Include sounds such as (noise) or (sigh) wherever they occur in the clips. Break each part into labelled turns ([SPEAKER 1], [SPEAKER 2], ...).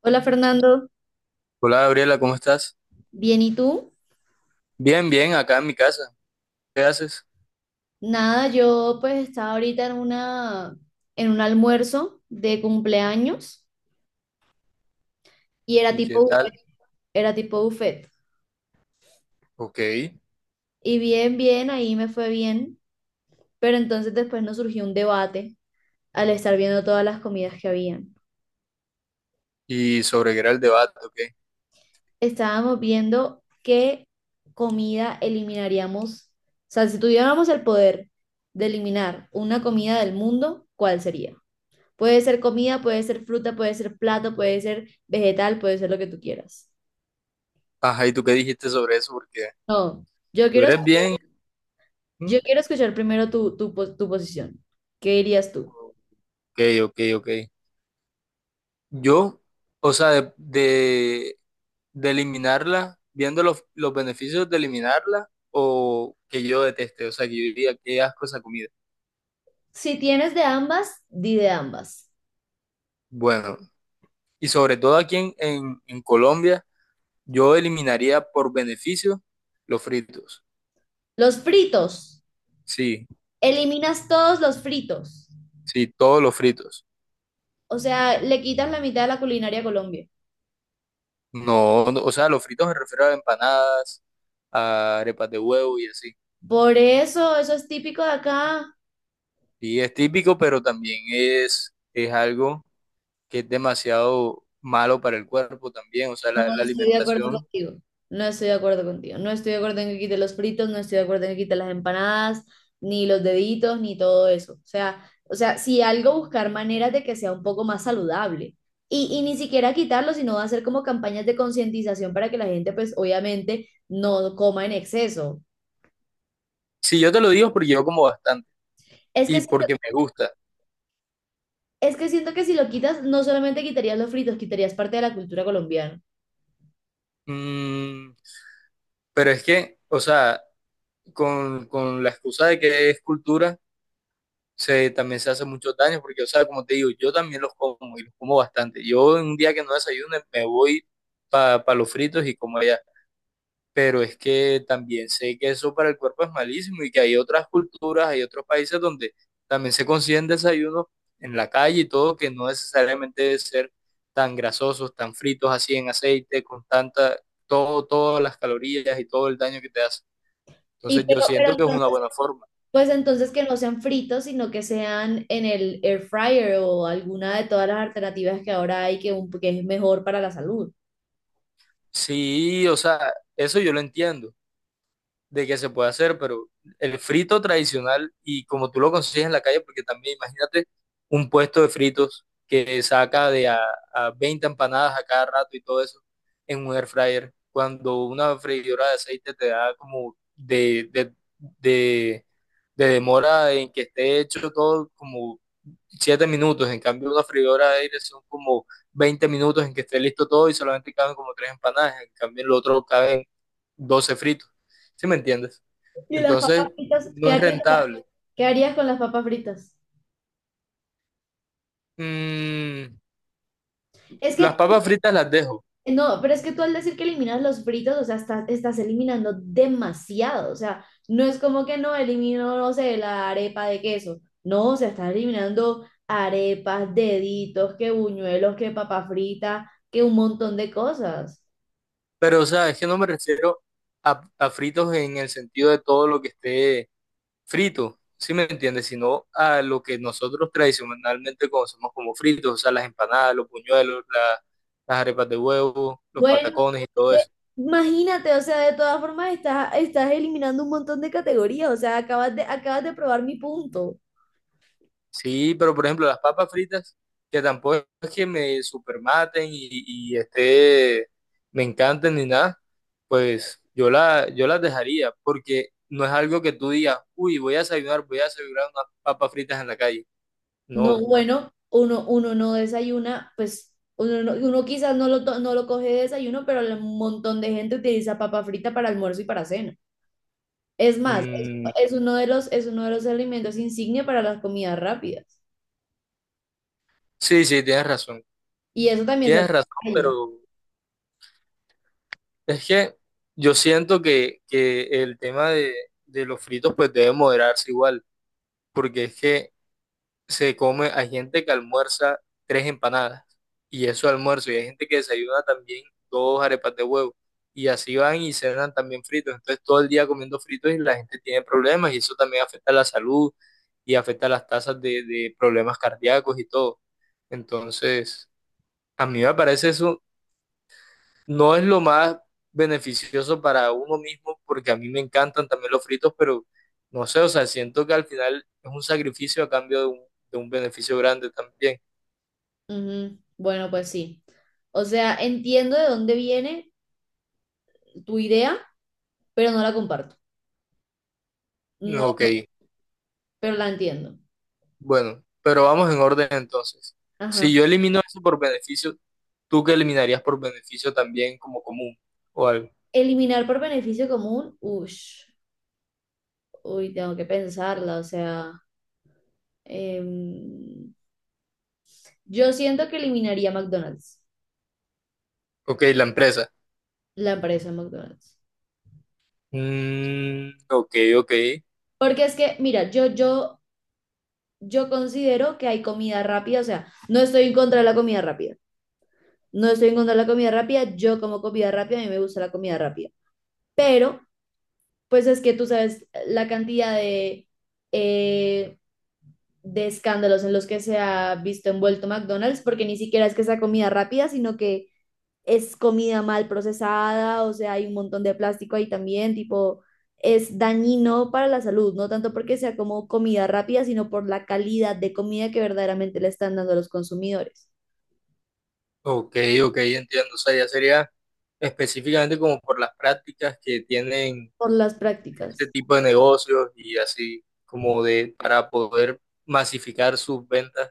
[SPEAKER 1] Hola Fernando,
[SPEAKER 2] Hola Gabriela, ¿cómo estás?
[SPEAKER 1] bien, ¿y tú?
[SPEAKER 2] Bien, bien, acá en mi casa. ¿Qué haces?
[SPEAKER 1] Nada, yo pues estaba ahorita en un almuerzo de cumpleaños y era
[SPEAKER 2] ¿Y qué
[SPEAKER 1] tipo
[SPEAKER 2] tal?
[SPEAKER 1] buffet, era tipo buffet.
[SPEAKER 2] Ok.
[SPEAKER 1] Y bien, ahí me fue bien, pero entonces después nos surgió un debate al estar viendo todas las comidas que habían.
[SPEAKER 2] ¿Y sobre qué era el debate? Ok.
[SPEAKER 1] Estábamos viendo qué comida eliminaríamos, o sea, si tuviéramos el poder de eliminar una comida del mundo, ¿cuál sería? Puede ser comida, puede ser fruta, puede ser plato, puede ser vegetal, puede ser lo que tú quieras.
[SPEAKER 2] Ajá, ¿y tú qué dijiste sobre eso? Porque
[SPEAKER 1] No, yo
[SPEAKER 2] tú
[SPEAKER 1] quiero,
[SPEAKER 2] eres bien. ¿Mm?
[SPEAKER 1] yo quiero escuchar primero tu posición. ¿Qué dirías tú?
[SPEAKER 2] Ok, ok, ok. Yo, o sea, de eliminarla, viendo los beneficios de eliminarla o que yo deteste, o sea, que yo diría, qué asco esa comida.
[SPEAKER 1] Si tienes de ambas, di de ambas.
[SPEAKER 2] Bueno, y sobre todo aquí en Colombia, yo eliminaría por beneficio los fritos.
[SPEAKER 1] Los fritos,
[SPEAKER 2] Sí,
[SPEAKER 1] eliminas todos los fritos.
[SPEAKER 2] sí, todos los fritos.
[SPEAKER 1] O sea, le quitas la mitad de la culinaria a Colombia.
[SPEAKER 2] No, no, o sea, los fritos me refiero a empanadas, a arepas de huevo y así.
[SPEAKER 1] Por eso, eso es típico de acá.
[SPEAKER 2] Y es típico, pero también es algo que es demasiado malo para el cuerpo también. O sea,
[SPEAKER 1] No
[SPEAKER 2] la
[SPEAKER 1] estoy de acuerdo
[SPEAKER 2] alimentación.
[SPEAKER 1] contigo. No estoy de acuerdo contigo. No estoy de acuerdo en que quite los fritos, no estoy de acuerdo en que quite las empanadas, ni los deditos, ni todo eso. O sea, si algo buscar maneras de que sea un poco más saludable. Y ni siquiera quitarlo, sino hacer como campañas de concientización para que la gente, pues obviamente, no coma en exceso.
[SPEAKER 2] Sí, yo te lo digo porque yo como bastante
[SPEAKER 1] Es que
[SPEAKER 2] y
[SPEAKER 1] siento,
[SPEAKER 2] porque me gusta.
[SPEAKER 1] es que siento que si lo quitas, no solamente quitarías los fritos, quitarías parte de la cultura colombiana.
[SPEAKER 2] Mm, pero es que, o sea, con la excusa de que es cultura. Se, también se hace muchos daños, porque, o sea, como te digo, yo también los como y los como bastante. Yo en un día que no desayune me voy para los fritos y como allá. Pero es que también sé que eso para el cuerpo es malísimo y que hay otras culturas, hay otros países donde también se consiguen desayunos en la calle y todo, que no necesariamente debe ser tan grasosos, tan fritos así en aceite, con tanta, todo, todas las calorías y todo el daño que te hace.
[SPEAKER 1] Y
[SPEAKER 2] Entonces
[SPEAKER 1] pero,
[SPEAKER 2] yo siento
[SPEAKER 1] pero
[SPEAKER 2] que es una
[SPEAKER 1] entonces,
[SPEAKER 2] buena forma.
[SPEAKER 1] pues entonces que no sean fritos, sino que sean en el air fryer o alguna de todas las alternativas que ahora hay que es mejor para la salud.
[SPEAKER 2] Sí, o sea, eso yo lo entiendo, de que se puede hacer, pero el frito tradicional y como tú lo consigues en la calle, porque también imagínate un puesto de fritos que saca de a 20 empanadas a cada rato y todo eso en un air fryer, cuando una freidora de aceite te da como de, de demora en que esté hecho todo como 7 minutos, en cambio una freidora de aire son como 20 minutos en que esté listo todo y solamente caben como 3 empanadas, en cambio en lo otro caben 12 fritos, ¿sí me entiendes?
[SPEAKER 1] ¿Y las papas
[SPEAKER 2] Entonces
[SPEAKER 1] fritas?
[SPEAKER 2] no es rentable.
[SPEAKER 1] ¿Qué harías con las papas fritas?
[SPEAKER 2] Mm,
[SPEAKER 1] Es que
[SPEAKER 2] las papas fritas las dejo,
[SPEAKER 1] No, pero es que tú al decir que eliminas los fritos, o sea, estás eliminando demasiado. O sea, no es como que no elimino, no sé, la arepa de queso. No, o sea, estás eliminando arepas, deditos, que buñuelos, que papa frita, que un montón de cosas.
[SPEAKER 2] pero o sea, es que no me refiero a fritos en el sentido de todo lo que esté frito, ¿sí me entiendes? Sino a lo que nosotros tradicionalmente conocemos como fritos, o sea, las empanadas, las arepas de huevo, los
[SPEAKER 1] Bueno,
[SPEAKER 2] patacones y todo
[SPEAKER 1] de-
[SPEAKER 2] eso.
[SPEAKER 1] imagínate, o sea, de todas formas estás eliminando un montón de categorías. O sea, acabas de probar mi punto.
[SPEAKER 2] Sí, pero por ejemplo, las papas fritas, que tampoco es que me supermaten y esté, me encanten ni nada, pues yo, la, yo las dejaría, porque no es algo que tú digas, uy, voy a desayunar unas papas fritas en la calle.
[SPEAKER 1] No,
[SPEAKER 2] No.
[SPEAKER 1] bueno, uno no desayuna, pues uno, uno quizás no lo coge de desayuno, pero un montón de gente utiliza papa frita para almuerzo y para cena. Es más,
[SPEAKER 2] Mm,
[SPEAKER 1] es uno de los, es uno de los alimentos insignia para las comidas rápidas.
[SPEAKER 2] sí, sí, tienes razón.
[SPEAKER 1] Y eso también se hace
[SPEAKER 2] Tienes
[SPEAKER 1] en
[SPEAKER 2] razón,
[SPEAKER 1] la calle.
[SPEAKER 2] pero es que yo siento que el tema de los fritos pues debe moderarse igual, porque es que se come, hay gente que almuerza 3 empanadas y eso almuerzo, y hay gente que desayuna también 2 arepas de huevo y así van y cenan también fritos, entonces todo el día comiendo fritos y la gente tiene problemas y eso también afecta la salud y afecta las tasas de problemas cardíacos y todo. Entonces, a mí me parece eso no es lo más beneficioso para uno mismo, porque a mí me encantan también los fritos, pero no sé, o sea, siento que al final es un sacrificio a cambio de un beneficio grande también.
[SPEAKER 1] Ujú, bueno, pues sí. O sea, entiendo de dónde viene tu idea, pero no la comparto. No,
[SPEAKER 2] Ok,
[SPEAKER 1] pero la entiendo.
[SPEAKER 2] bueno, pero vamos en orden entonces.
[SPEAKER 1] Ajá.
[SPEAKER 2] Si yo elimino eso por beneficio, ¿tú qué eliminarías por beneficio también como común o algo?
[SPEAKER 1] Eliminar por beneficio común, ush, uy, tengo que pensarla, o sea. Em, yo siento que eliminaría McDonald's,
[SPEAKER 2] Ok, la empresa.
[SPEAKER 1] la empresa McDonald's.
[SPEAKER 2] Mm, ok, ok,
[SPEAKER 1] Porque es que, mira, yo considero que hay comida rápida, o sea, no estoy en contra de la comida rápida. No estoy en contra de la comida rápida, yo como comida rápida, a mí me gusta la comida rápida. Pero, pues es que tú sabes la cantidad eh, de escándalos en los que se ha visto envuelto McDonald's, porque ni siquiera es que sea comida rápida, sino que es comida mal procesada, o sea, hay un montón de plástico ahí también, tipo, es dañino para la salud, no tanto porque sea como comida rápida, sino por la calidad de comida que verdaderamente le están dando a los consumidores,
[SPEAKER 2] ok, ok, entiendo. O sea, ya sería específicamente como por las prácticas que tienen
[SPEAKER 1] por las
[SPEAKER 2] ese
[SPEAKER 1] prácticas.
[SPEAKER 2] tipo de negocios y así como de para poder masificar sus ventas,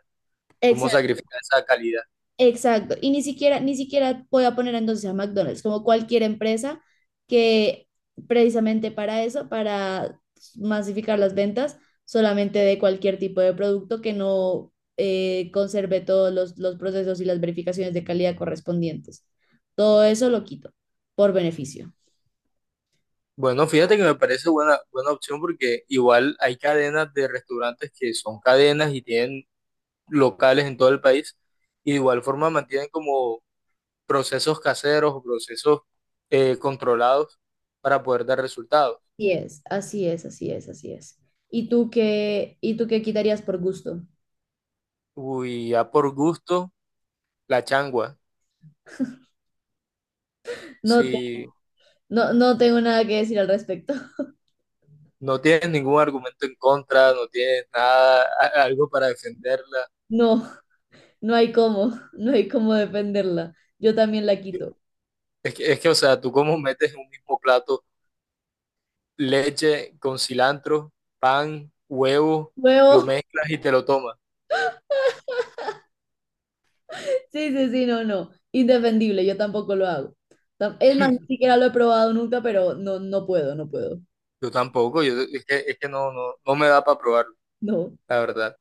[SPEAKER 2] cómo sacrificar esa calidad.
[SPEAKER 1] Exacto, ni siquiera voy a poner entonces a McDonald's, como cualquier empresa que precisamente para eso, para masificar las ventas solamente de cualquier tipo de producto que no conserve todos los procesos y las verificaciones de calidad correspondientes. Todo eso lo quito por beneficio.
[SPEAKER 2] Bueno, fíjate que me parece buena, buena opción porque igual hay cadenas de restaurantes que son cadenas y tienen locales en todo el país y de igual forma mantienen como procesos caseros o procesos controlados para poder dar resultados.
[SPEAKER 1] Así es, así es, así es, así es. ¿Y tú qué quitarías por gusto?
[SPEAKER 2] Uy, ya por gusto, la changua.
[SPEAKER 1] No,
[SPEAKER 2] Si
[SPEAKER 1] no, no tengo nada que decir al respecto. (laughs)
[SPEAKER 2] no tienes ningún argumento en contra, no tienes nada, algo para defenderla.
[SPEAKER 1] No. No hay cómo, (laughs) no hay cómo defenderla. Yo también la quito.
[SPEAKER 2] Es que, o sea, tú cómo metes en un mismo plato leche con cilantro, pan, huevo, lo
[SPEAKER 1] Huevo,
[SPEAKER 2] mezclas y te lo tomas.
[SPEAKER 1] (laughs) sí, sí, sí, no, no. Indefendible, yo tampoco lo hago. Tam- Es más, ni siquiera lo he probado nunca, pero no, no puedo.
[SPEAKER 2] Yo tampoco, yo, es que no, no, no me da para probarlo,
[SPEAKER 1] No.
[SPEAKER 2] la verdad.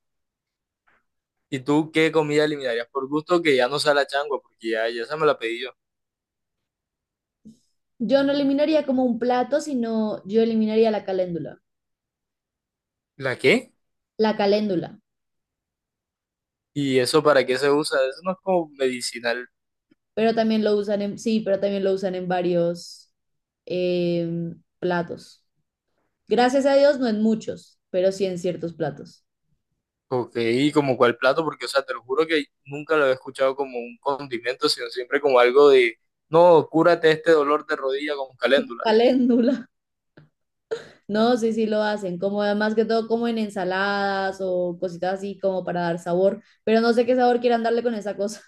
[SPEAKER 2] ¿Y tú qué comida eliminarías? Por gusto que ya no sea la changua, porque ya, ya esa me la pedí yo.
[SPEAKER 1] Yo no eliminaría como un plato, sino yo eliminaría la caléndula.
[SPEAKER 2] ¿La qué?
[SPEAKER 1] La caléndula.
[SPEAKER 2] ¿Y eso para qué se usa? Eso no es como medicinal.
[SPEAKER 1] Pero también lo usan en, sí, pero también lo usan en varios platos. Gracias a Dios, no en muchos, pero sí en ciertos platos.
[SPEAKER 2] Ok, ¿y como cuál plato? Porque, o sea, te lo juro que nunca lo he escuchado como un condimento, sino siempre como algo de, no, cúrate este dolor de rodilla con caléndula.
[SPEAKER 1] Caléndula. No, sí lo hacen, como más que todo como en ensaladas o cositas así como para dar sabor, pero no sé qué sabor quieran darle con esa cosa.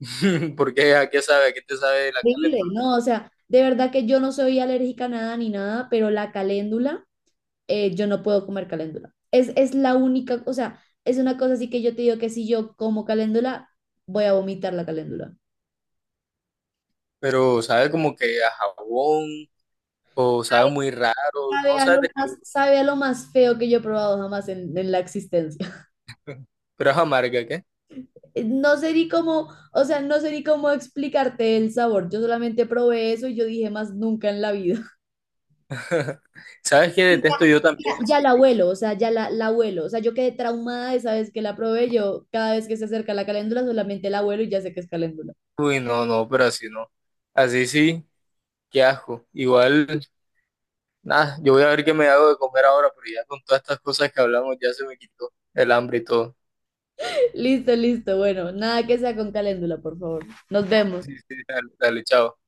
[SPEAKER 2] (laughs) Porque, ¿a qué sabe? ¿A qué te sabe
[SPEAKER 1] (laughs)
[SPEAKER 2] la
[SPEAKER 1] Horrible,
[SPEAKER 2] caléndula?
[SPEAKER 1] no, o sea, de verdad que yo no soy alérgica a nada ni nada, pero la caléndula, yo no puedo comer caléndula. Es la única, o sea, es una cosa así que yo te digo que si yo como caléndula, voy a vomitar la caléndula.
[SPEAKER 2] Pero sabe como que a jabón, o sabe muy raro, no sabe de qué,
[SPEAKER 1] Sabe a lo más feo que yo he probado jamás en la existencia.
[SPEAKER 2] pero es amarga, ¿qué?
[SPEAKER 1] No sé ni cómo, o sea, no sé ni cómo explicarte el sabor. Yo solamente probé eso y yo dije más nunca en la vida.
[SPEAKER 2] (laughs) ¿Sabes qué
[SPEAKER 1] Y
[SPEAKER 2] detesto yo
[SPEAKER 1] Ya,
[SPEAKER 2] también?
[SPEAKER 1] ya
[SPEAKER 2] Así,
[SPEAKER 1] la abuelo, o sea, la abuelo. O sea, yo quedé traumada esa vez que la probé. Yo cada vez que se acerca la caléndula solamente la abuelo y ya sé que es caléndula.
[SPEAKER 2] uy, no, no, pero así no. Así sí, qué asco. Igual. Nada, yo voy a ver qué me hago de comer ahora, pero ya con todas estas cosas que hablamos ya se me quitó el hambre y todo.
[SPEAKER 1] (laughs) Listo, listo. Bueno, nada que sea con caléndula, por favor. Nos vemos.
[SPEAKER 2] Sí, sí, dale, dale, chao.